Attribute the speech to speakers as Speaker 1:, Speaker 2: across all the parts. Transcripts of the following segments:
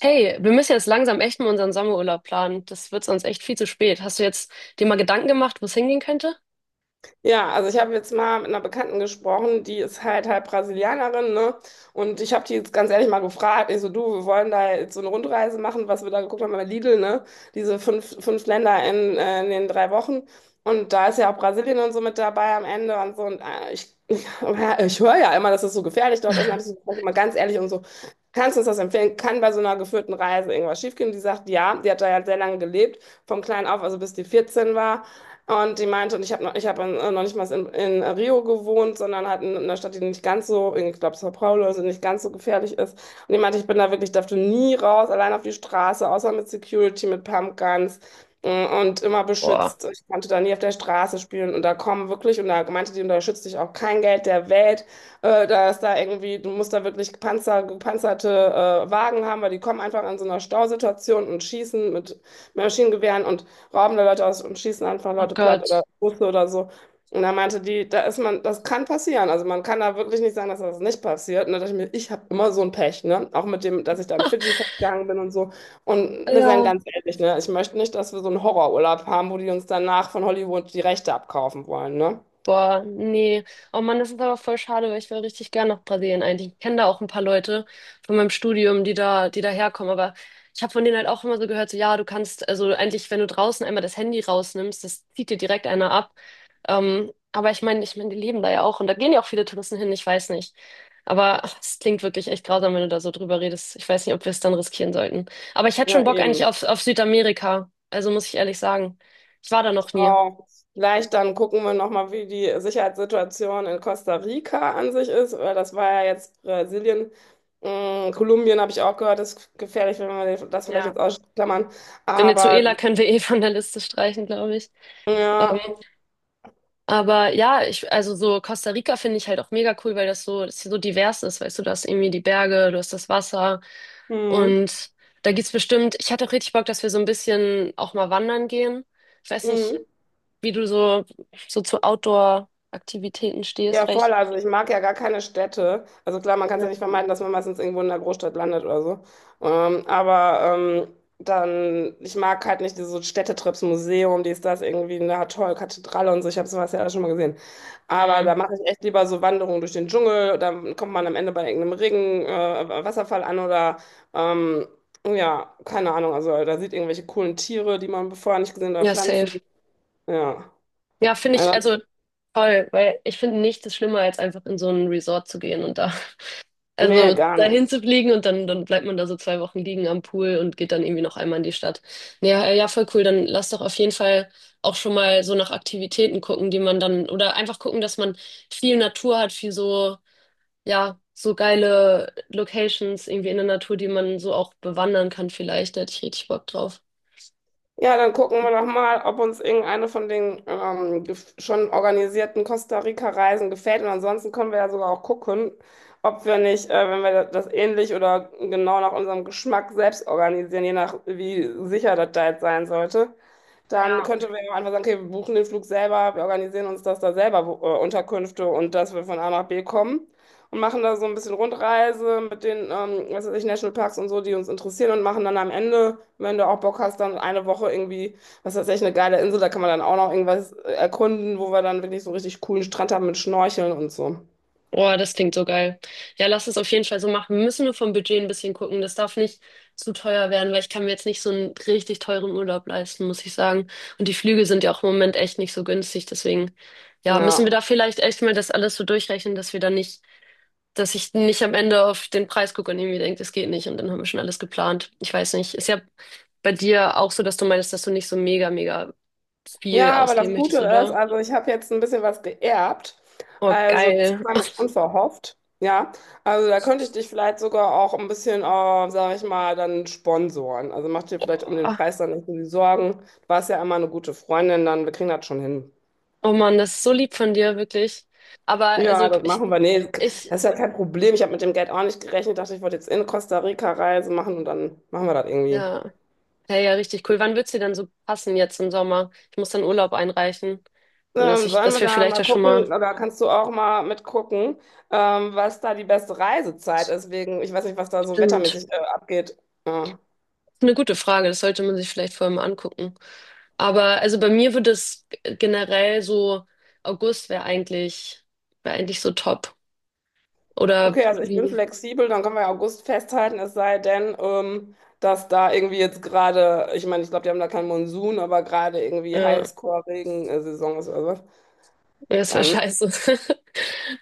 Speaker 1: Hey, wir müssen jetzt langsam echt mal unseren Sommerurlaub planen. Das wird sonst echt viel zu spät. Hast du jetzt dir mal Gedanken gemacht, wo es hingehen könnte?
Speaker 2: Ja, also ich habe jetzt mal mit einer Bekannten gesprochen, die ist halt halb Brasilianerin, ne? Und ich habe die jetzt ganz ehrlich mal gefragt, ich so, du, wir wollen da jetzt so eine Rundreise machen, was wir da geguckt haben bei Lidl, ne? Diese fünf Länder in den 3 Wochen. Und da ist ja auch Brasilien und so mit dabei am Ende und so. Und ich, ich höre ja immer, dass es so gefährlich dort ist. Und habe ich so gefragt, mal ganz ehrlich und so, kannst du uns das empfehlen? Kann bei so einer geführten Reise irgendwas schiefgehen? Die sagt, ja, die hat da ja sehr lange gelebt, vom Kleinen auf, also bis die 14 war. Und die meinte, und ich habe noch nicht mal in Rio gewohnt, sondern halt in einer Stadt, die nicht ganz so, ich glaube, Sao Paulo, also nicht ganz so gefährlich ist. Und die meinte, ich bin da wirklich, durfte nie raus, allein auf die Straße, außer mit Security, mit Pumpguns und immer
Speaker 1: Boah.
Speaker 2: beschützt. Ich konnte da nie auf der Straße spielen und da kommen wirklich, und da meinte die, und da schützt dich auch kein Geld der Welt. Da ist da irgendwie, du musst da wirklich gepanzerte Wagen haben, weil die kommen einfach in so einer Stausituation und schießen mit Maschinengewehren und rauben da Leute aus und schießen einfach
Speaker 1: Oh
Speaker 2: Leute platt oder
Speaker 1: Gott.
Speaker 2: Busse oder so. Und da meinte die, da ist man, das kann passieren. Also man kann da wirklich nicht sagen, dass das nicht passiert. Und da dachte ich mir, ich habe immer so ein Pech, ne? Auch mit dem, dass ich dann Fidschi festgegangen bin und so. Und wir sind
Speaker 1: Ja.
Speaker 2: ganz ehrlich, ne? Ich möchte nicht, dass wir so einen Horrorurlaub haben, wo die uns danach von Hollywood die Rechte abkaufen wollen, ne?
Speaker 1: Boah, nee. Oh Mann, das ist aber voll schade, weil ich wäre richtig gern nach Brasilien eigentlich. Ich kenne da auch ein paar Leute von meinem Studium, die da herkommen. Aber ich habe von denen halt auch immer so gehört, so ja, du kannst, also eigentlich, wenn du draußen einmal das Handy rausnimmst, das zieht dir direkt einer ab. Aber ich meine, die leben da ja auch und da gehen ja auch viele Touristen hin, ich weiß nicht. Aber ach, es klingt wirklich echt grausam, wenn du da so drüber redest. Ich weiß nicht, ob wir es dann riskieren sollten. Aber ich hätte
Speaker 2: Ja,
Speaker 1: schon Bock eigentlich
Speaker 2: eben.
Speaker 1: auf Südamerika. Also muss ich ehrlich sagen. Ich war da noch nie.
Speaker 2: Genau. Vielleicht dann gucken wir nochmal, wie die Sicherheitssituation in Costa Rica an sich ist, weil das war ja jetzt Brasilien. Kolumbien habe ich auch gehört, ist gefährlich, wenn wir das vielleicht
Speaker 1: Ja.
Speaker 2: jetzt ausklammern.
Speaker 1: Venezuela
Speaker 2: Aber
Speaker 1: können wir eh von der Liste streichen, glaube ich. Ähm,
Speaker 2: ja,
Speaker 1: aber ja, ich, also so Costa Rica finde ich halt auch mega cool, weil das so, das hier so divers ist, weißt du, du hast irgendwie die Berge, du hast das Wasser
Speaker 2: mhm.
Speaker 1: und da gibt's bestimmt, ich hatte auch richtig Bock, dass wir so ein bisschen auch mal wandern gehen. Ich weiß nicht, wie du so zu Outdoor-Aktivitäten stehst,
Speaker 2: Ja,
Speaker 1: weil ich,
Speaker 2: voll. Also ich mag ja gar keine Städte. Also klar, man kann es ja
Speaker 1: ja,
Speaker 2: nicht vermeiden, dass man meistens irgendwo in der Großstadt landet oder so. Ähm, aber ähm, Ich mag halt nicht diese Städtetrips, Museum, dies, das, irgendwie, na toll, Kathedrale und so. Ich habe sowas ja alles schon mal gesehen. Aber da
Speaker 1: mm,
Speaker 2: mache ich echt lieber so Wanderungen durch den Dschungel. Dann kommt man am Ende bei irgendeinem Regen, Wasserfall an oder ähm, ja, keine Ahnung. Also da sieht irgendwelche coolen Tiere, die man vorher nicht gesehen hat, oder
Speaker 1: ja, safe.
Speaker 2: Pflanzen. Ja.
Speaker 1: Ja, finde ich,
Speaker 2: Also,
Speaker 1: also toll, weil ich finde nichts ist schlimmer, als einfach in so ein Resort zu gehen und da.
Speaker 2: nee,
Speaker 1: Also
Speaker 2: gar nicht.
Speaker 1: dahin zu fliegen und dann, dann bleibt man da so zwei Wochen liegen am Pool und geht dann irgendwie noch einmal in die Stadt. Ja, ja, voll cool. Dann lass doch auf jeden Fall auch schon mal so nach Aktivitäten gucken, die man dann, oder einfach gucken, dass man viel Natur hat, viel so, ja, so geile Locations irgendwie in der Natur, die man so auch bewandern kann vielleicht. Da hätte ich richtig Bock drauf.
Speaker 2: Ja, dann gucken wir doch mal, ob uns irgendeine von den schon organisierten Costa Rica-Reisen gefällt. Und ansonsten können wir ja sogar auch gucken, ob wir nicht, wenn wir das ähnlich oder genau nach unserem Geschmack selbst organisieren, je nach wie sicher das da jetzt sein sollte, dann könnten wir ja einfach sagen, okay, wir buchen den Flug selber, wir organisieren uns das da selber, wo, Unterkünfte, und dass wir von A nach B kommen und machen da so ein bisschen Rundreise mit den, was weiß ich, Nationalparks und so, die uns interessieren, und machen dann am Ende, wenn du auch Bock hast, dann eine Woche irgendwie, was weiß ich, eine geile Insel, da kann man dann auch noch irgendwas erkunden, wo wir dann wirklich so einen richtig coolen Strand haben mit Schnorcheln und so.
Speaker 1: Boah, das klingt so geil. Ja, lass es auf jeden Fall so machen. Wir müssen nur vom Budget ein bisschen gucken. Das darf nicht zu teuer werden, weil ich kann mir jetzt nicht so einen richtig teuren Urlaub leisten, muss ich sagen. Und die Flüge sind ja auch im Moment echt nicht so günstig. Deswegen, ja, müssen wir
Speaker 2: Ja.
Speaker 1: da vielleicht echt mal das alles so durchrechnen, dass wir da nicht, dass ich nicht am Ende auf den Preis gucke und irgendwie denke, das geht nicht. Und dann haben wir schon alles geplant. Ich weiß nicht. Ist ja bei dir auch so, dass du meinst, dass du nicht so mega, mega viel
Speaker 2: Ja, aber
Speaker 1: ausgeben
Speaker 2: das Gute
Speaker 1: möchtest,
Speaker 2: ist,
Speaker 1: oder?
Speaker 2: also ich habe jetzt ein bisschen was geerbt.
Speaker 1: Oh,
Speaker 2: Also das
Speaker 1: geil.
Speaker 2: kam jetzt unverhofft. Ja, also da könnte ich dich vielleicht sogar auch ein bisschen, sage ich mal, dann sponsoren. Also mach dir vielleicht um den Preis dann nicht so die Sorgen. Du warst ja immer eine gute Freundin, dann wir kriegen das schon hin.
Speaker 1: Oh Mann, das ist so lieb von dir, wirklich. Aber also
Speaker 2: Ja, das
Speaker 1: ich,
Speaker 2: machen wir. Nee,
Speaker 1: ich,
Speaker 2: das ist ja kein Problem. Ich habe mit dem Geld auch nicht gerechnet. Dachte, ich wollte jetzt in Costa Rica Reise machen und dann machen wir das irgendwie.
Speaker 1: ja, hey, ja, richtig cool. Wann wird's dir denn so passen jetzt im Sommer? Ich muss dann Urlaub einreichen. Nur dass ich,
Speaker 2: Sollen
Speaker 1: dass
Speaker 2: wir
Speaker 1: wir
Speaker 2: da
Speaker 1: vielleicht
Speaker 2: mal
Speaker 1: da schon
Speaker 2: gucken,
Speaker 1: mal.
Speaker 2: oder kannst du auch mal mitgucken, was da die beste Reisezeit ist, wegen, ich weiß nicht, was da so
Speaker 1: Stimmt.
Speaker 2: wettermäßig abgeht. Ja.
Speaker 1: Eine gute Frage, das sollte man sich vielleicht vorher mal angucken. Aber also bei mir würde es generell so, August wäre eigentlich so top. Oder
Speaker 2: Okay, also ich bin
Speaker 1: wie?
Speaker 2: flexibel, dann können wir ja August festhalten, es sei denn, dass da irgendwie jetzt gerade, ich meine, ich glaube, die haben da keinen Monsun, aber gerade irgendwie
Speaker 1: Ja,
Speaker 2: Highscore-Regensaison ist oder was.
Speaker 1: das wäre
Speaker 2: Dann,
Speaker 1: scheiße.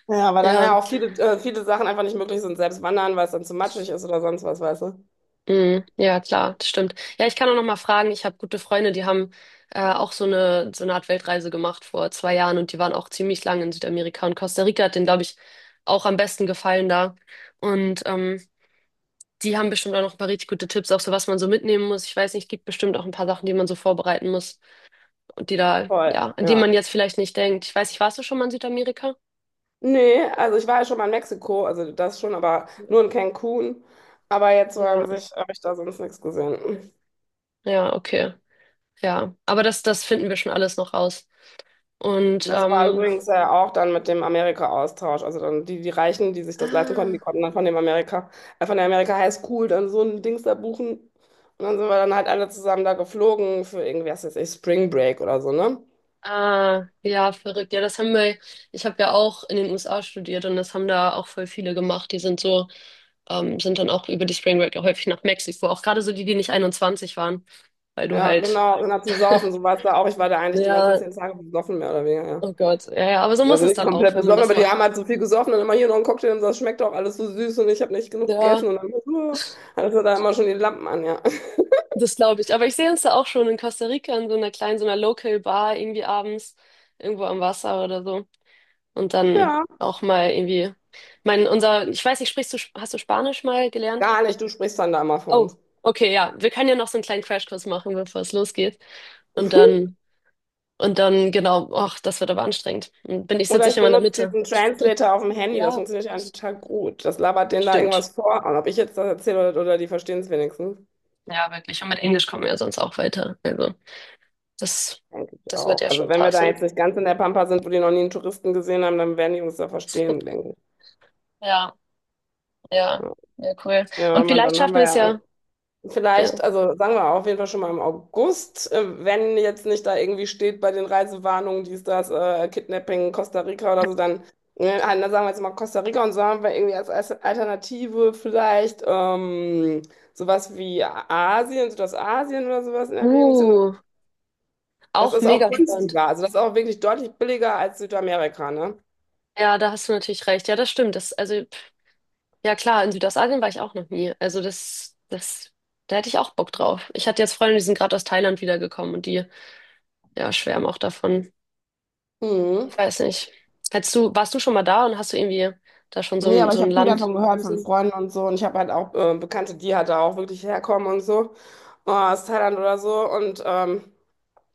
Speaker 2: ja, weil dann
Speaker 1: Ja.
Speaker 2: ja auch viele, viele Sachen einfach nicht möglich sind, selbst wandern, weil es dann zu matschig ist oder sonst was, weißt du?
Speaker 1: Mhm. Ja, klar, das stimmt. Ja, ich kann auch noch mal fragen. Ich habe gute Freunde, die haben auch so eine Art Weltreise gemacht vor zwei Jahren und die waren auch ziemlich lange in Südamerika und Costa Rica hat denen, glaube ich, auch am besten gefallen da. Und die haben bestimmt auch noch ein paar richtig gute Tipps, auch so was man so mitnehmen muss. Ich weiß nicht, gibt bestimmt auch ein paar Sachen, die man so vorbereiten muss und die da, ja,
Speaker 2: Voll,
Speaker 1: an die
Speaker 2: ja.
Speaker 1: man jetzt vielleicht nicht denkt. Ich weiß nicht, warst du schon mal in Südamerika?
Speaker 2: Nee, also ich war ja schon mal in Mexiko, also das schon, aber nur in Cancun. Aber jetzt so an
Speaker 1: Ja,
Speaker 2: sich habe ich da sonst nichts gesehen.
Speaker 1: ja, okay. Ja, aber das, das finden wir schon alles noch raus. Und
Speaker 2: Das war übrigens ja auch dann mit dem Amerika-Austausch. Also dann die, die Reichen, die sich das leisten konnten, die
Speaker 1: ah.
Speaker 2: konnten dann von dem Amerika, von der Amerika High School dann so ein Dings da buchen. Und dann sind wir dann halt alle zusammen da geflogen für irgendwie, was weiß ich, Spring Break oder so, ne?
Speaker 1: Ah, ja, verrückt. Ja, das haben wir, ich habe ja auch in den USA studiert und das haben da auch voll viele gemacht. Die sind so, sind dann auch über die Spring Break auch häufig nach Mexiko, auch gerade so die, die nicht 21 waren, weil du
Speaker 2: Ja,
Speaker 1: halt,
Speaker 2: genau, genau zum Saufen, so war es da auch. Ich war da eigentlich die ganzen
Speaker 1: ja,
Speaker 2: 10 Tage besoffen, mehr oder weniger,
Speaker 1: oh
Speaker 2: ja.
Speaker 1: Gott, ja, ja, aber so muss
Speaker 2: Also
Speaker 1: es
Speaker 2: nicht
Speaker 1: dann auch,
Speaker 2: komplett
Speaker 1: wenn man
Speaker 2: besoffen,
Speaker 1: das
Speaker 2: aber die
Speaker 1: macht.
Speaker 2: haben halt so viel gesoffen und immer hier noch einen Cocktail und so, das schmeckt auch alles so süß und ich habe nicht genug
Speaker 1: Ja,
Speaker 2: gegessen und dann hatte da immer schon die Lampen an, ja.
Speaker 1: das glaube ich. Aber ich sehe uns da auch schon in Costa Rica in so einer kleinen, so einer Local Bar irgendwie abends, irgendwo am Wasser oder so. Und dann
Speaker 2: Ja,
Speaker 1: auch mal irgendwie, mein, unser, ich weiß nicht, sprichst du, hast du Spanisch mal gelernt?
Speaker 2: gar nicht, du sprichst dann da immer von
Speaker 1: Oh,
Speaker 2: uns.
Speaker 1: okay, ja. Wir können ja noch so einen kleinen Crashkurs machen, bevor es losgeht. Und dann, und dann, genau, ach, das wird aber anstrengend. Und bin ich,
Speaker 2: Oder
Speaker 1: sitze
Speaker 2: ich
Speaker 1: ich immer in der
Speaker 2: benutze
Speaker 1: Mitte.
Speaker 2: diesen Translator auf dem Handy, das
Speaker 1: Ja,
Speaker 2: funktioniert ja eigentlich total gut. Das labert denen da
Speaker 1: stimmt.
Speaker 2: irgendwas vor und ob ich jetzt das erzähle oder, die verstehen es wenigstens.
Speaker 1: Ja, wirklich. Und mit Englisch kommen wir ja sonst auch weiter. Also, das,
Speaker 2: Denke ich
Speaker 1: das wird
Speaker 2: auch.
Speaker 1: ja
Speaker 2: Also
Speaker 1: schon
Speaker 2: wenn wir da
Speaker 1: passen.
Speaker 2: jetzt nicht ganz in der Pampa sind, wo die noch nie einen Touristen gesehen haben, dann werden die uns da verstehen, denke ich.
Speaker 1: Ja, ja, ja, cool.
Speaker 2: Ja,
Speaker 1: Und
Speaker 2: man,
Speaker 1: vielleicht
Speaker 2: dann haben
Speaker 1: schaffen wir
Speaker 2: wir
Speaker 1: es
Speaker 2: ja
Speaker 1: ja. Ja.
Speaker 2: vielleicht, also sagen wir auf jeden Fall schon mal im August, wenn jetzt nicht da irgendwie steht bei den Reisewarnungen, dies, das, Kidnapping, Costa Rica oder so, dann sagen wir jetzt mal Costa Rica, und so haben wir irgendwie als Alternative vielleicht sowas wie Asien, Südostasien oder sowas in Erwägung ziehen.
Speaker 1: Uh,
Speaker 2: Das
Speaker 1: auch
Speaker 2: ist auch
Speaker 1: mega spannend.
Speaker 2: günstiger, also das ist auch wirklich deutlich billiger als Südamerika, ne?
Speaker 1: Ja, da hast du natürlich recht. Ja, das stimmt. Das, also ja klar, in Südostasien war ich auch noch nie. Also das, das, da hätte ich auch Bock drauf. Ich hatte jetzt Freunde, die sind gerade aus Thailand wiedergekommen und die, ja, schwärmen auch davon.
Speaker 2: Mhm.
Speaker 1: Ich weiß nicht. Hättest du, warst du schon mal da und hast du irgendwie da schon so
Speaker 2: Nee,
Speaker 1: ein,
Speaker 2: aber
Speaker 1: so
Speaker 2: ich
Speaker 1: ein
Speaker 2: habe viel
Speaker 1: Land
Speaker 2: davon gehört
Speaker 1: im
Speaker 2: von
Speaker 1: Sinn?
Speaker 2: Freunden und so. Und ich habe halt auch Bekannte, die halt da auch wirklich herkommen und so. Aus Thailand oder so. Und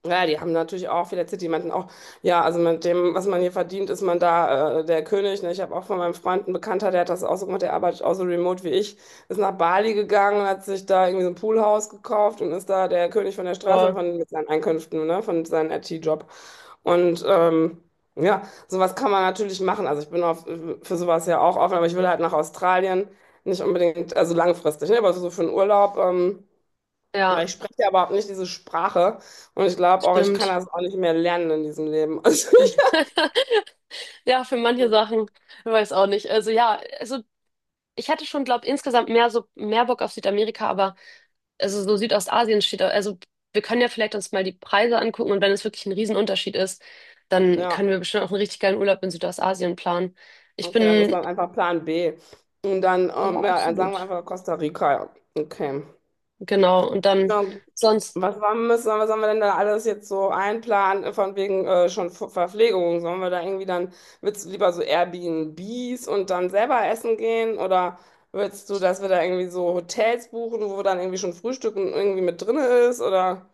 Speaker 2: ja, die haben natürlich auch viele erzählt, die meinten auch, ja, also mit dem, was man hier verdient, ist man da der König. Ne? Ich habe auch von meinem Freund einen Bekannter, der hat das auch so gemacht, der arbeitet auch so remote wie ich, ist nach Bali gegangen, hat sich da irgendwie so ein Poolhaus gekauft und ist da der König von der Straße
Speaker 1: Boah,
Speaker 2: von, mit seinen Einkünften, ne? Von seinem IT-Job. Und ja, sowas kann man natürlich machen. Also ich bin auf, für sowas ja auch offen, aber ich will halt nach Australien, nicht unbedingt, also langfristig, ne? Aber so für einen Urlaub.
Speaker 1: ja,
Speaker 2: Weil ich spreche ja überhaupt nicht diese Sprache, und ich glaube auch, ich kann
Speaker 1: stimmt.
Speaker 2: das auch nicht mehr lernen in diesem Leben. Also,
Speaker 1: Ja, für manche Sachen, ich weiß auch nicht. Also ja, also ich hätte schon, glaube insgesamt mehr Bock auf Südamerika, aber also so Südostasien steht, also wir können ja vielleicht uns mal die Preise angucken und wenn es wirklich ein Riesenunterschied ist, dann
Speaker 2: ja,
Speaker 1: können wir bestimmt auch einen richtig geilen Urlaub in Südostasien planen. Ich
Speaker 2: okay, das ist
Speaker 1: bin,
Speaker 2: dann einfach Plan B. Und dann,
Speaker 1: ja,
Speaker 2: ja, dann sagen wir
Speaker 1: absolut.
Speaker 2: einfach Costa Rica. Ja. Okay.
Speaker 1: Genau. Und dann
Speaker 2: Ja, gut.
Speaker 1: sonst,
Speaker 2: Was, war, müssen, was haben wir denn da alles jetzt so einplanen, von wegen schon Verpflegung? Sollen wir da irgendwie dann, willst du lieber so Airbnbs und dann selber essen gehen? Oder willst du, dass wir da irgendwie so Hotels buchen, wo dann irgendwie schon Frühstück und irgendwie mit drin ist? Oder,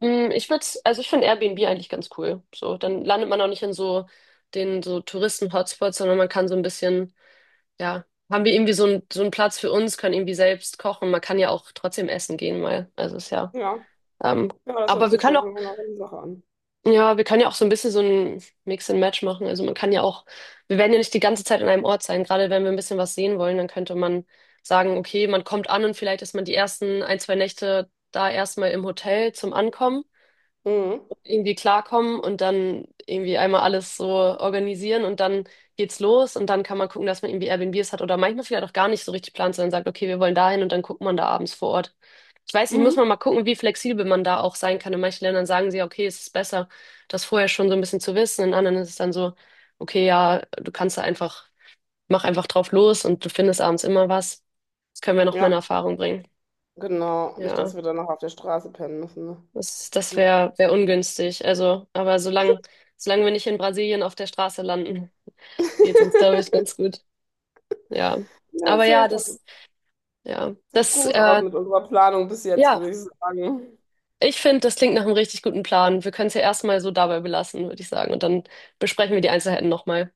Speaker 1: mh, ich würde, also ich finde Airbnb eigentlich ganz cool. So, dann landet man auch nicht in so den so Touristen-Hotspots, sondern man kann so ein bisschen, ja, haben wir irgendwie so, so einen Platz für uns, können irgendwie selbst kochen. Man kann ja auch trotzdem essen gehen mal. Also ist ja,
Speaker 2: ja.
Speaker 1: ähm,
Speaker 2: Ja, das hört
Speaker 1: aber wir
Speaker 2: sich
Speaker 1: können
Speaker 2: schon
Speaker 1: auch.
Speaker 2: nach einer Sache an.
Speaker 1: Ja, wir können ja auch so ein bisschen so ein Mix and Match machen. Also man kann ja auch, wir werden ja nicht die ganze Zeit an einem Ort sein. Gerade wenn wir ein bisschen was sehen wollen, dann könnte man sagen, okay, man kommt an und vielleicht ist man die ersten ein, zwei Nächte da erstmal im Hotel zum Ankommen,
Speaker 2: Mhm.
Speaker 1: irgendwie klarkommen und dann irgendwie einmal alles so organisieren und dann geht's los und dann kann man gucken, dass man irgendwie Airbnbs hat oder manchmal vielleicht auch gar nicht so richtig plant, sondern sagt, okay, wir wollen dahin und dann guckt man da abends vor Ort. Ich weiß nicht, muss
Speaker 2: Mhm.
Speaker 1: man mal gucken, wie flexibel man da auch sein kann. In manchen Ländern sagen sie, okay, es ist besser, das vorher schon so ein bisschen zu wissen. In anderen ist es dann so, okay, ja, du kannst da einfach, mach einfach drauf los und du findest abends immer was. Das können wir noch mal in
Speaker 2: Ja,
Speaker 1: Erfahrung bringen.
Speaker 2: genau. Nicht, dass
Speaker 1: Ja.
Speaker 2: wir dann noch auf der Straße pennen müssen. Ne?
Speaker 1: Das, das
Speaker 2: Ja.
Speaker 1: wäre wär ungünstig. Also, aber solange, solange wir nicht in Brasilien auf der Straße landen, geht's uns, glaube ich, ganz gut. Ja.
Speaker 2: Ja,
Speaker 1: Aber ja,
Speaker 2: safe. Dann
Speaker 1: das, ja,
Speaker 2: sieht
Speaker 1: das,
Speaker 2: gut aus mit unserer Planung bis jetzt, würde
Speaker 1: ja,
Speaker 2: ich sagen.
Speaker 1: ich finde, das klingt nach einem richtig guten Plan. Wir können es ja erstmal so dabei belassen, würde ich sagen. Und dann besprechen wir die Einzelheiten nochmal.